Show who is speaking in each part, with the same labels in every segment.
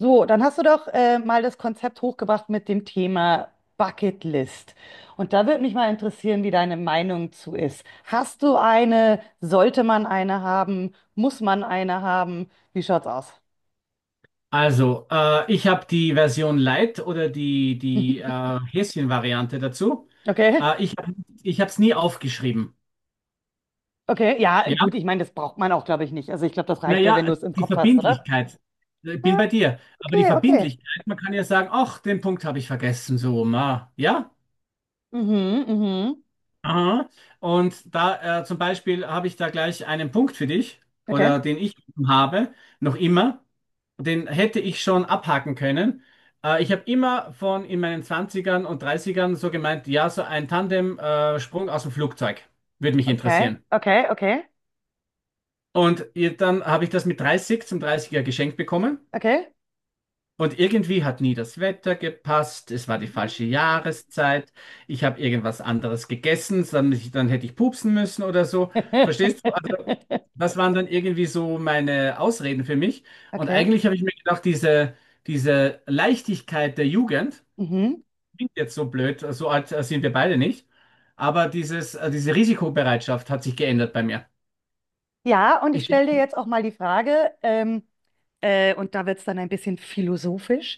Speaker 1: So, dann hast du doch mal das Konzept hochgebracht mit dem Thema Bucketlist. Und da würde mich mal interessieren, wie deine Meinung zu ist. Hast du eine? Sollte man eine haben? Muss man eine haben? Wie schaut's aus?
Speaker 2: Also, ich habe die Version Lite oder die Häschen-Variante dazu.
Speaker 1: Okay,
Speaker 2: Äh, ich hab, ich habe es nie aufgeschrieben.
Speaker 1: okay, ja,
Speaker 2: Ja,
Speaker 1: gut, ich meine, das braucht man auch, glaube ich, nicht. Also ich glaube, das reicht ja, wenn du
Speaker 2: naja,
Speaker 1: es im
Speaker 2: die
Speaker 1: Kopf hast, oder?
Speaker 2: Verbindlichkeit. Ich bin
Speaker 1: Ah,
Speaker 2: bei dir. Aber die
Speaker 1: okay, okay.
Speaker 2: Verbindlichkeit, man kann ja sagen, ach, den Punkt habe ich vergessen, so, ma. Ja?
Speaker 1: Mhm, mhm.
Speaker 2: Aha. Und da zum Beispiel habe ich da gleich einen Punkt für dich,
Speaker 1: Okay,
Speaker 2: oder den ich habe, noch immer, den hätte ich schon abhaken können. Ich habe immer von in meinen Zwanzigern und Dreißigern so gemeint, ja, so ein Tandem-Sprung aus dem Flugzeug würde mich
Speaker 1: okay,
Speaker 2: interessieren.
Speaker 1: okay, okay,
Speaker 2: Dann habe ich das mit 30 zum 30er geschenkt bekommen.
Speaker 1: okay.
Speaker 2: Und irgendwie hat nie das Wetter gepasst, es war die falsche
Speaker 1: Mhm.
Speaker 2: Jahreszeit, ich habe irgendwas anderes gegessen, dann hätte ich pupsen müssen oder so. Verstehst du? Also, das waren dann irgendwie so meine Ausreden für mich. Und
Speaker 1: Okay.
Speaker 2: eigentlich habe ich mir gedacht, diese Leichtigkeit der Jugend,
Speaker 1: Mhm.
Speaker 2: klingt jetzt so blöd, so alt sind wir beide nicht, aber diese Risikobereitschaft hat sich geändert bei mir.
Speaker 1: Ja, und ich
Speaker 2: Ich
Speaker 1: stelle dir
Speaker 2: denke,
Speaker 1: jetzt auch mal die Frage, und da wird es dann ein bisschen philosophisch,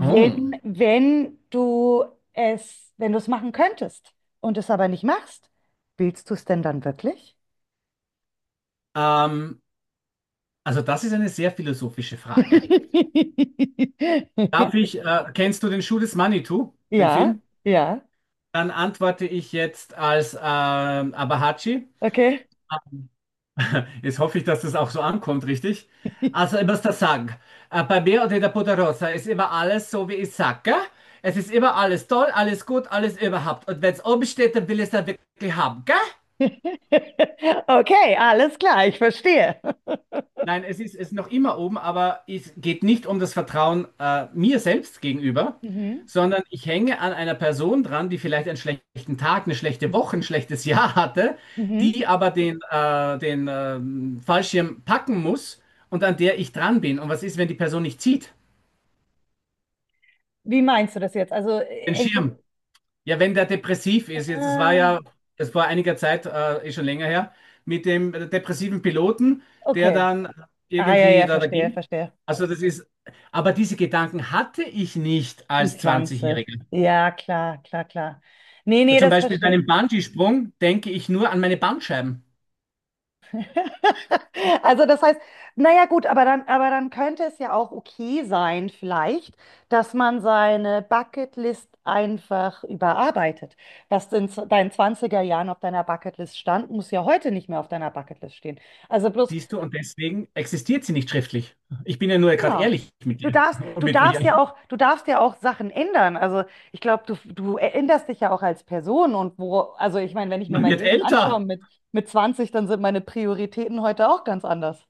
Speaker 2: oh,
Speaker 1: wenn du wenn du es machen könntest und es aber nicht machst, willst du es denn dann wirklich?
Speaker 2: ähm, also das ist eine sehr philosophische Frage. Kennst du den Schuh des Manitou, den
Speaker 1: Ja,
Speaker 2: Film?
Speaker 1: ja,
Speaker 2: Dann antworte ich jetzt als Abahachi.
Speaker 1: okay.
Speaker 2: Jetzt hoffe ich, dass das auch so ankommt, richtig? Also immer das Sagen. Bei mir oder der Poderosa ist immer alles so, wie ich sage. Es ist immer alles toll, alles gut, alles überhaupt. Und wenn es oben steht, dann will ich es dann wirklich haben.
Speaker 1: Okay, alles klar, ich verstehe.
Speaker 2: Nein, es ist noch immer oben, aber es geht nicht um das Vertrauen mir selbst gegenüber,
Speaker 1: Mhm,
Speaker 2: sondern ich hänge an einer Person dran, die vielleicht einen schlechten Tag, eine schlechte Woche, ein schlechtes Jahr hatte,
Speaker 1: mhm.
Speaker 2: die aber den Fallschirm packen muss und an der ich dran bin. Und was ist, wenn die Person nicht zieht?
Speaker 1: Wie meinst du das jetzt? Also
Speaker 2: Den
Speaker 1: hängt es.
Speaker 2: Schirm. Ja, wenn der depressiv ist, jetzt,
Speaker 1: Ah,
Speaker 2: es war einiger Zeit, ist schon länger her, mit dem depressiven Piloten, der
Speaker 1: okay.
Speaker 2: dann
Speaker 1: Ah, ja,
Speaker 2: irgendwie
Speaker 1: ja,
Speaker 2: da
Speaker 1: verstehe,
Speaker 2: ging.
Speaker 1: verstehe.
Speaker 2: Also das ist, aber diese Gedanken hatte ich nicht als
Speaker 1: Mit 20,
Speaker 2: 20-Jähriger.
Speaker 1: ja, klar, klar, klar. Nee, nee,
Speaker 2: Zum
Speaker 1: das
Speaker 2: Beispiel bei
Speaker 1: verstehe ich.
Speaker 2: einem Bungee-Sprung denke ich nur an meine Bandscheiben,
Speaker 1: Also das heißt, naja gut, aber dann könnte es ja auch okay sein, vielleicht, dass man seine Bucketlist einfach überarbeitet. Was in deinen zwanziger Jahren auf deiner Bucketlist stand, muss ja heute nicht mehr auf deiner Bucketlist stehen. Also bloß,
Speaker 2: siehst du, und deswegen existiert sie nicht schriftlich. Ich bin ja nur gerade
Speaker 1: genau.
Speaker 2: ehrlich mit dir und
Speaker 1: Du
Speaker 2: mit mir.
Speaker 1: darfst ja auch, du darfst ja auch Sachen ändern. Also ich glaube, du änderst dich ja auch als Person und wo, also ich meine, wenn ich mir
Speaker 2: Man
Speaker 1: mein
Speaker 2: wird
Speaker 1: Leben anschaue
Speaker 2: älter.
Speaker 1: mit 20, dann sind meine Prioritäten heute auch ganz anders.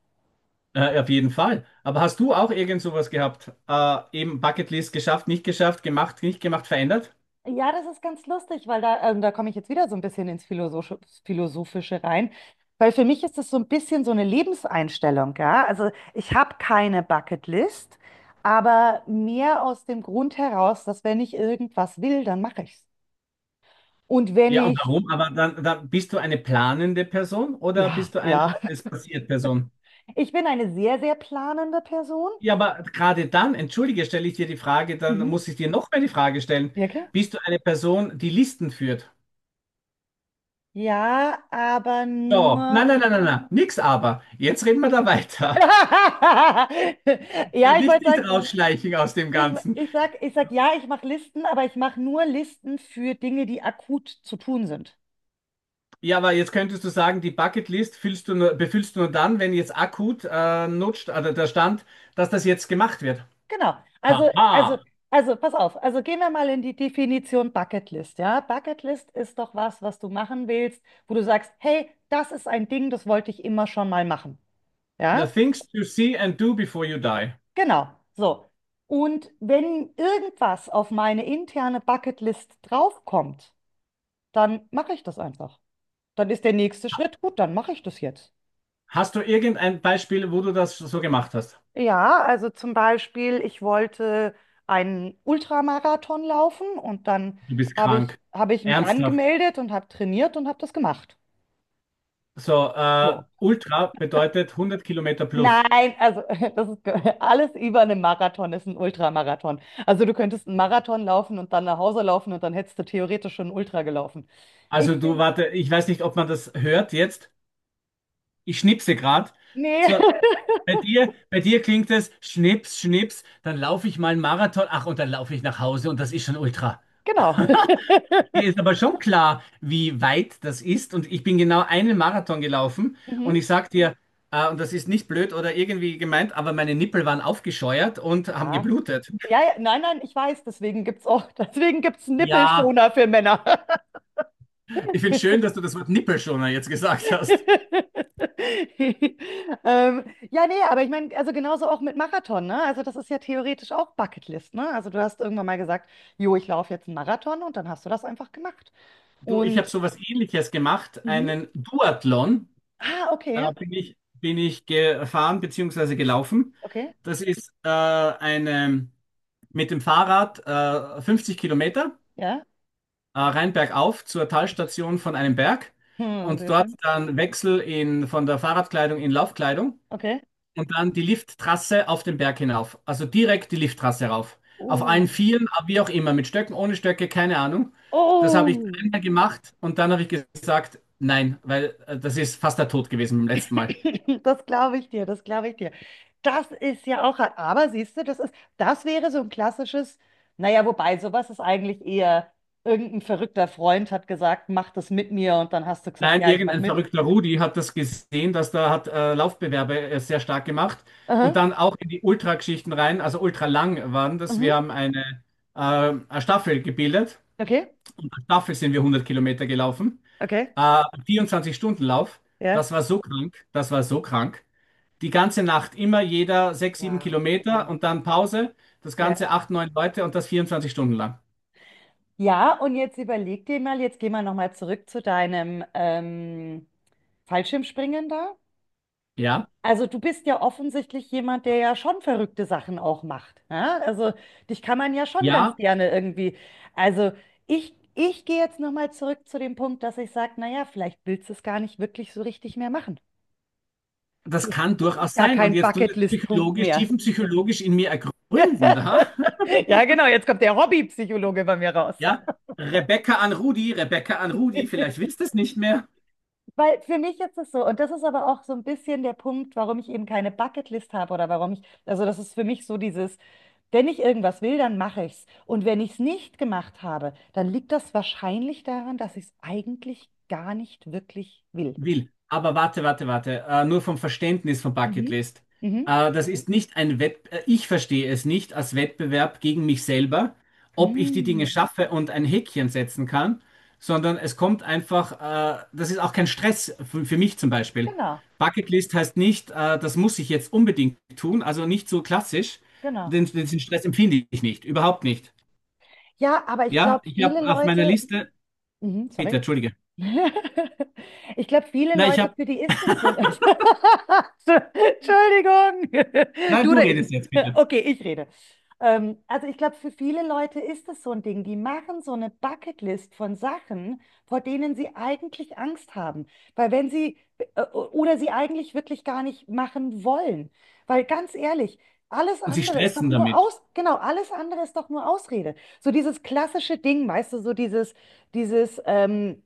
Speaker 2: Auf jeden Fall. Aber hast du auch irgend sowas gehabt? Eben Bucketlist geschafft, nicht geschafft, gemacht, nicht gemacht, verändert?
Speaker 1: Ja, das ist ganz lustig, weil da, da komme ich jetzt wieder so ein bisschen ins Philosophische rein, weil für mich ist das so ein bisschen so eine Lebenseinstellung, ja. Also ich habe keine Bucketlist, aber mehr aus dem Grund heraus, dass wenn ich irgendwas will, dann mache ich es. Und wenn
Speaker 2: Ja, und
Speaker 1: ich
Speaker 2: warum? Aber dann bist du eine planende Person oder
Speaker 1: ja,
Speaker 2: bist du eine
Speaker 1: ja.
Speaker 2: es passiert Person?
Speaker 1: Ich bin eine sehr, sehr planende Person.
Speaker 2: Ja, aber gerade dann, entschuldige, stelle ich dir die Frage, dann
Speaker 1: Mhm.
Speaker 2: muss ich dir noch mehr die Frage stellen.
Speaker 1: Ja, klar.
Speaker 2: Bist du eine Person, die Listen führt?
Speaker 1: Ja, aber
Speaker 2: Ja, nein,
Speaker 1: nur.
Speaker 2: nein, nein, nein, nein, nix aber. Jetzt reden wir da weiter.
Speaker 1: Ja, ich
Speaker 2: Nicht,
Speaker 1: wollte
Speaker 2: nicht
Speaker 1: sagen,
Speaker 2: rausschleichen aus dem Ganzen.
Speaker 1: ich sag ja, ich mache Listen, aber ich mache nur Listen für Dinge, die akut zu tun sind.
Speaker 2: Ja, aber jetzt könntest du sagen, die Bucketlist füllst du nur, befüllst du nur dann, wenn jetzt akut nutzt, also der Stand, dass das jetzt gemacht wird.
Speaker 1: Genau. Also, also,
Speaker 2: Haha,
Speaker 1: also, pass auf. Also gehen wir mal in die Definition Bucketlist, ja? Bucketlist ist doch was, was du machen willst, wo du sagst, hey, das ist ein Ding, das wollte ich immer schon mal machen.
Speaker 2: the
Speaker 1: Ja?
Speaker 2: things to see and do before you die.
Speaker 1: Genau, so. Und wenn irgendwas auf meine interne Bucketlist draufkommt, dann mache ich das einfach. Dann ist der nächste Schritt, gut, dann mache ich das jetzt.
Speaker 2: Hast du irgendein Beispiel, wo du das so gemacht hast?
Speaker 1: Ja, also zum Beispiel, ich wollte einen Ultramarathon laufen und dann
Speaker 2: Du bist krank.
Speaker 1: habe ich mich
Speaker 2: Ernsthaft.
Speaker 1: angemeldet und habe trainiert und habe das gemacht.
Speaker 2: So,
Speaker 1: So.
Speaker 2: Ultra bedeutet 100 Kilometer plus.
Speaker 1: Nein, also das ist alles über einen Marathon ist ein Ultramarathon. Also du könntest einen Marathon laufen und dann nach Hause laufen und dann hättest du theoretisch schon einen Ultra gelaufen. Ich bin,
Speaker 2: Warte, ich weiß nicht, ob man das hört jetzt. Ich schnipse gerade.
Speaker 1: nee,
Speaker 2: So, bei dir klingt es Schnips, Schnips, dann laufe ich mal einen Marathon, ach, und dann laufe ich nach Hause und das ist schon Ultra.
Speaker 1: genau.
Speaker 2: Mir ist aber schon klar, wie weit das ist und ich bin genau einen Marathon gelaufen und
Speaker 1: Mhm.
Speaker 2: ich sag dir, und das ist nicht blöd oder irgendwie gemeint, aber meine Nippel waren aufgescheuert und haben
Speaker 1: Ja.
Speaker 2: geblutet.
Speaker 1: Ja, ja, nein, nein, ich weiß, deswegen gibt's auch, deswegen gibt's
Speaker 2: Ja,
Speaker 1: Nippelschoner für Männer.
Speaker 2: ich finde schön, dass du das Wort Nippelschoner jetzt gesagt hast.
Speaker 1: Ähm, ja, nee, aber ich meine, also genauso auch mit Marathon, ne? Also das ist ja theoretisch auch Bucketlist, ne? Also du hast irgendwann mal gesagt, jo, ich laufe jetzt einen Marathon und dann hast du das einfach gemacht.
Speaker 2: Du, ich habe
Speaker 1: Und,
Speaker 2: sowas Ähnliches gemacht,
Speaker 1: mhm.
Speaker 2: einen Duathlon,
Speaker 1: Ah, okay,
Speaker 2: bin ich gefahren bzw. gelaufen.
Speaker 1: okay,
Speaker 2: Das ist eine, mit dem Fahrrad 50 Kilometer
Speaker 1: ja,
Speaker 2: rein bergauf zur Talstation von einem Berg
Speaker 1: hm,
Speaker 2: und
Speaker 1: sehr
Speaker 2: dort
Speaker 1: schön,
Speaker 2: dann Wechsel in, von der Fahrradkleidung in Laufkleidung
Speaker 1: okay.
Speaker 2: und dann die Lifttrasse auf den Berg hinauf. Also direkt die Lifttrasse rauf. Auf allen
Speaker 1: Oh,
Speaker 2: Vieren, wie auch immer, mit Stöcken, ohne Stöcke, keine Ahnung. Das habe ich
Speaker 1: oh.
Speaker 2: dreimal gemacht und dann habe ich gesagt, nein, weil das ist fast der Tod gewesen beim letzten Mal.
Speaker 1: Das glaube ich dir, das glaube ich dir. Das ist ja auch, aber siehst du, das ist, das wäre so ein klassisches, naja, wobei sowas ist eigentlich eher, irgendein verrückter Freund hat gesagt, mach das mit mir und dann hast du gesagt,
Speaker 2: Nein,
Speaker 1: ja, ich mach
Speaker 2: irgendein
Speaker 1: mit.
Speaker 2: verrückter Rudi hat das gesehen, dass da hat Laufbewerbe sehr stark gemacht und
Speaker 1: Aha,
Speaker 2: dann auch in die Ultrageschichten rein, also ultralang waren das.
Speaker 1: mhm.
Speaker 2: Wir haben eine Staffel gebildet
Speaker 1: Okay,
Speaker 2: und als Staffel sind wir 100 Kilometer gelaufen.
Speaker 1: okay,
Speaker 2: Äh, 24-Stunden-Lauf,
Speaker 1: ja.
Speaker 2: das war so krank, das war so krank. Die ganze Nacht immer jeder 6 7
Speaker 1: Wow.
Speaker 2: Kilometer und dann Pause, das
Speaker 1: Ja.
Speaker 2: Ganze 8 9 Leute und das 24 Stunden lang.
Speaker 1: Ja, und jetzt überleg dir mal, jetzt gehen wir nochmal zurück zu deinem Fallschirmspringen da.
Speaker 2: Ja,
Speaker 1: Also du bist ja offensichtlich jemand, der ja schon verrückte Sachen auch macht. Ja? Also dich kann man ja schon ganz
Speaker 2: ja,
Speaker 1: gerne irgendwie. Also ich gehe jetzt nochmal zurück zu dem Punkt, dass ich sage, naja, vielleicht willst du es gar nicht wirklich so richtig mehr machen.
Speaker 2: das
Speaker 1: Vielleicht
Speaker 2: kann
Speaker 1: ist es
Speaker 2: durchaus
Speaker 1: gar
Speaker 2: sein. Und
Speaker 1: kein
Speaker 2: jetzt tut es
Speaker 1: Bucketlist-Punkt
Speaker 2: psychologisch,
Speaker 1: mehr.
Speaker 2: tiefenpsychologisch in mir ergründen, da.
Speaker 1: Ja, genau, jetzt kommt der Hobbypsychologe bei mir raus.
Speaker 2: Ja, Rebecca an Rudi, vielleicht willst du es nicht mehr.
Speaker 1: Weil für mich ist es so, und das ist aber auch so ein bisschen der Punkt, warum ich eben keine Bucketlist habe oder warum ich, also das ist für mich so dieses, wenn ich irgendwas will, dann mache ich's. Und wenn ich es nicht gemacht habe, dann liegt das wahrscheinlich daran, dass ich es eigentlich gar nicht wirklich will.
Speaker 2: Will. Aber warte, warte, warte. Nur vom Verständnis von
Speaker 1: Mhm.
Speaker 2: Bucketlist.
Speaker 1: Mhm.
Speaker 2: Das ist nicht ein Wett, Ich verstehe es nicht als Wettbewerb gegen mich selber, ob ich die Dinge
Speaker 1: Mhm.
Speaker 2: schaffe und ein Häkchen setzen kann, sondern es kommt einfach, das ist auch kein Stress für mich zum Beispiel.
Speaker 1: Genau,
Speaker 2: Bucketlist heißt nicht, das muss ich jetzt unbedingt tun, also nicht so klassisch.
Speaker 1: genau.
Speaker 2: Den Stress empfinde ich nicht, überhaupt nicht.
Speaker 1: Ja, aber ich
Speaker 2: Ja,
Speaker 1: glaube,
Speaker 2: ich
Speaker 1: viele
Speaker 2: habe auf meiner
Speaker 1: Leute,
Speaker 2: Liste,
Speaker 1: mhm,
Speaker 2: bitte,
Speaker 1: sorry.
Speaker 2: entschuldige.
Speaker 1: Ich glaube, viele
Speaker 2: Nein, ich
Speaker 1: Leute,
Speaker 2: habe,
Speaker 1: für die ist das so. Entschuldigung.
Speaker 2: nein,
Speaker 1: Du
Speaker 2: du
Speaker 1: oder ich?
Speaker 2: redest jetzt bitte.
Speaker 1: Okay, ich rede. Also ich glaube, für viele Leute ist das so ein Ding. Die machen so eine Bucketlist von Sachen, vor denen sie eigentlich Angst haben. Weil wenn sie oder sie eigentlich wirklich gar nicht machen wollen. Weil ganz ehrlich, alles
Speaker 2: Und sie
Speaker 1: andere ist doch
Speaker 2: stressen
Speaker 1: nur
Speaker 2: damit.
Speaker 1: genau, alles andere ist doch nur Ausrede. So dieses klassische Ding, weißt du, so dieses,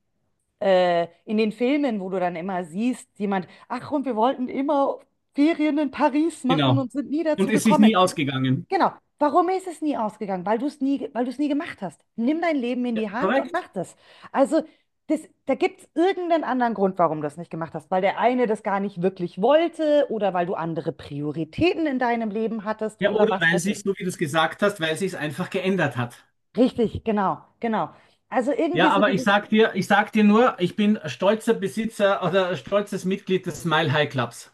Speaker 1: in den Filmen, wo du dann immer siehst, jemand, ach, und wir wollten immer Ferien in Paris machen
Speaker 2: Genau.
Speaker 1: und sind nie dazu
Speaker 2: Und es ist
Speaker 1: gekommen.
Speaker 2: nie ausgegangen.
Speaker 1: Genau. Warum ist es nie ausgegangen? Weil du es nie, weil du es nie gemacht hast. Nimm dein Leben in die Hand und
Speaker 2: Korrekt?
Speaker 1: mach das. Also, das, da gibt es irgendeinen anderen Grund, warum du das nicht gemacht hast. Weil der eine das gar nicht wirklich wollte oder weil du andere Prioritäten in deinem Leben hattest
Speaker 2: Ja,
Speaker 1: oder
Speaker 2: oder
Speaker 1: was
Speaker 2: weil
Speaker 1: weiß ich.
Speaker 2: sich, so wie du es gesagt hast, weil sich es einfach geändert hat.
Speaker 1: Richtig, genau, genau. Also
Speaker 2: Ja,
Speaker 1: irgendwie so
Speaker 2: aber
Speaker 1: dieses.
Speaker 2: ich sag dir nur, ich bin stolzer Besitzer oder stolzes Mitglied des Mile High Clubs.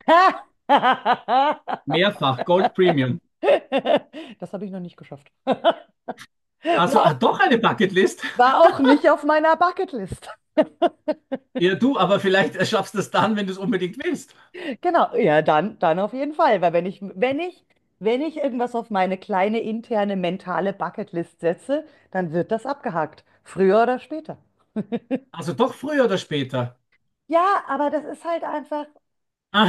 Speaker 2: Mehrfach, Gold Premium.
Speaker 1: Das habe ich noch nicht geschafft. War
Speaker 2: Also
Speaker 1: auch,
Speaker 2: ah, doch eine Bucketlist.
Speaker 1: war auch nicht auf meiner Bucketlist.
Speaker 2: Ja, du, aber vielleicht schaffst du es dann, wenn du es unbedingt willst.
Speaker 1: Genau, ja, dann, dann auf jeden Fall, weil wenn ich irgendwas auf meine kleine interne mentale Bucketlist setze, dann wird das abgehakt, früher oder später.
Speaker 2: Also doch früher oder später.
Speaker 1: Ja, aber das ist halt einfach,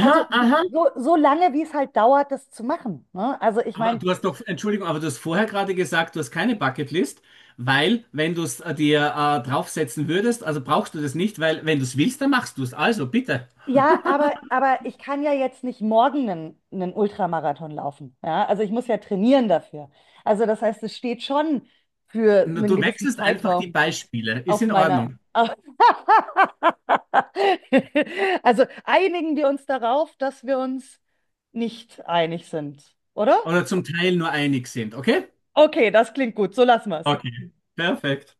Speaker 1: also so,
Speaker 2: aha.
Speaker 1: so lange, wie es halt dauert, das zu machen. Ne? Also ich
Speaker 2: Aber
Speaker 1: meine,
Speaker 2: du hast noch, Entschuldigung, aber du hast vorher gerade gesagt, du hast keine Bucketlist, weil wenn du es dir draufsetzen würdest, also brauchst du das nicht, weil wenn du es willst, dann machst du es. Also bitte.
Speaker 1: ja, aber ich kann ja jetzt nicht morgen einen, einen Ultramarathon laufen. Ja? Also ich muss ja trainieren dafür. Also das heißt, es steht schon für
Speaker 2: Na,
Speaker 1: einen
Speaker 2: Du
Speaker 1: gewissen
Speaker 2: wechselst einfach die
Speaker 1: Zeitraum
Speaker 2: Beispiele. Ist
Speaker 1: auf
Speaker 2: in
Speaker 1: meiner...
Speaker 2: Ordnung.
Speaker 1: Auf also einigen wir uns darauf, dass wir uns nicht einig sind, oder?
Speaker 2: Oder zum Teil nur einig sind, okay?
Speaker 1: Okay, das klingt gut. So lassen wir es.
Speaker 2: Okay, perfekt.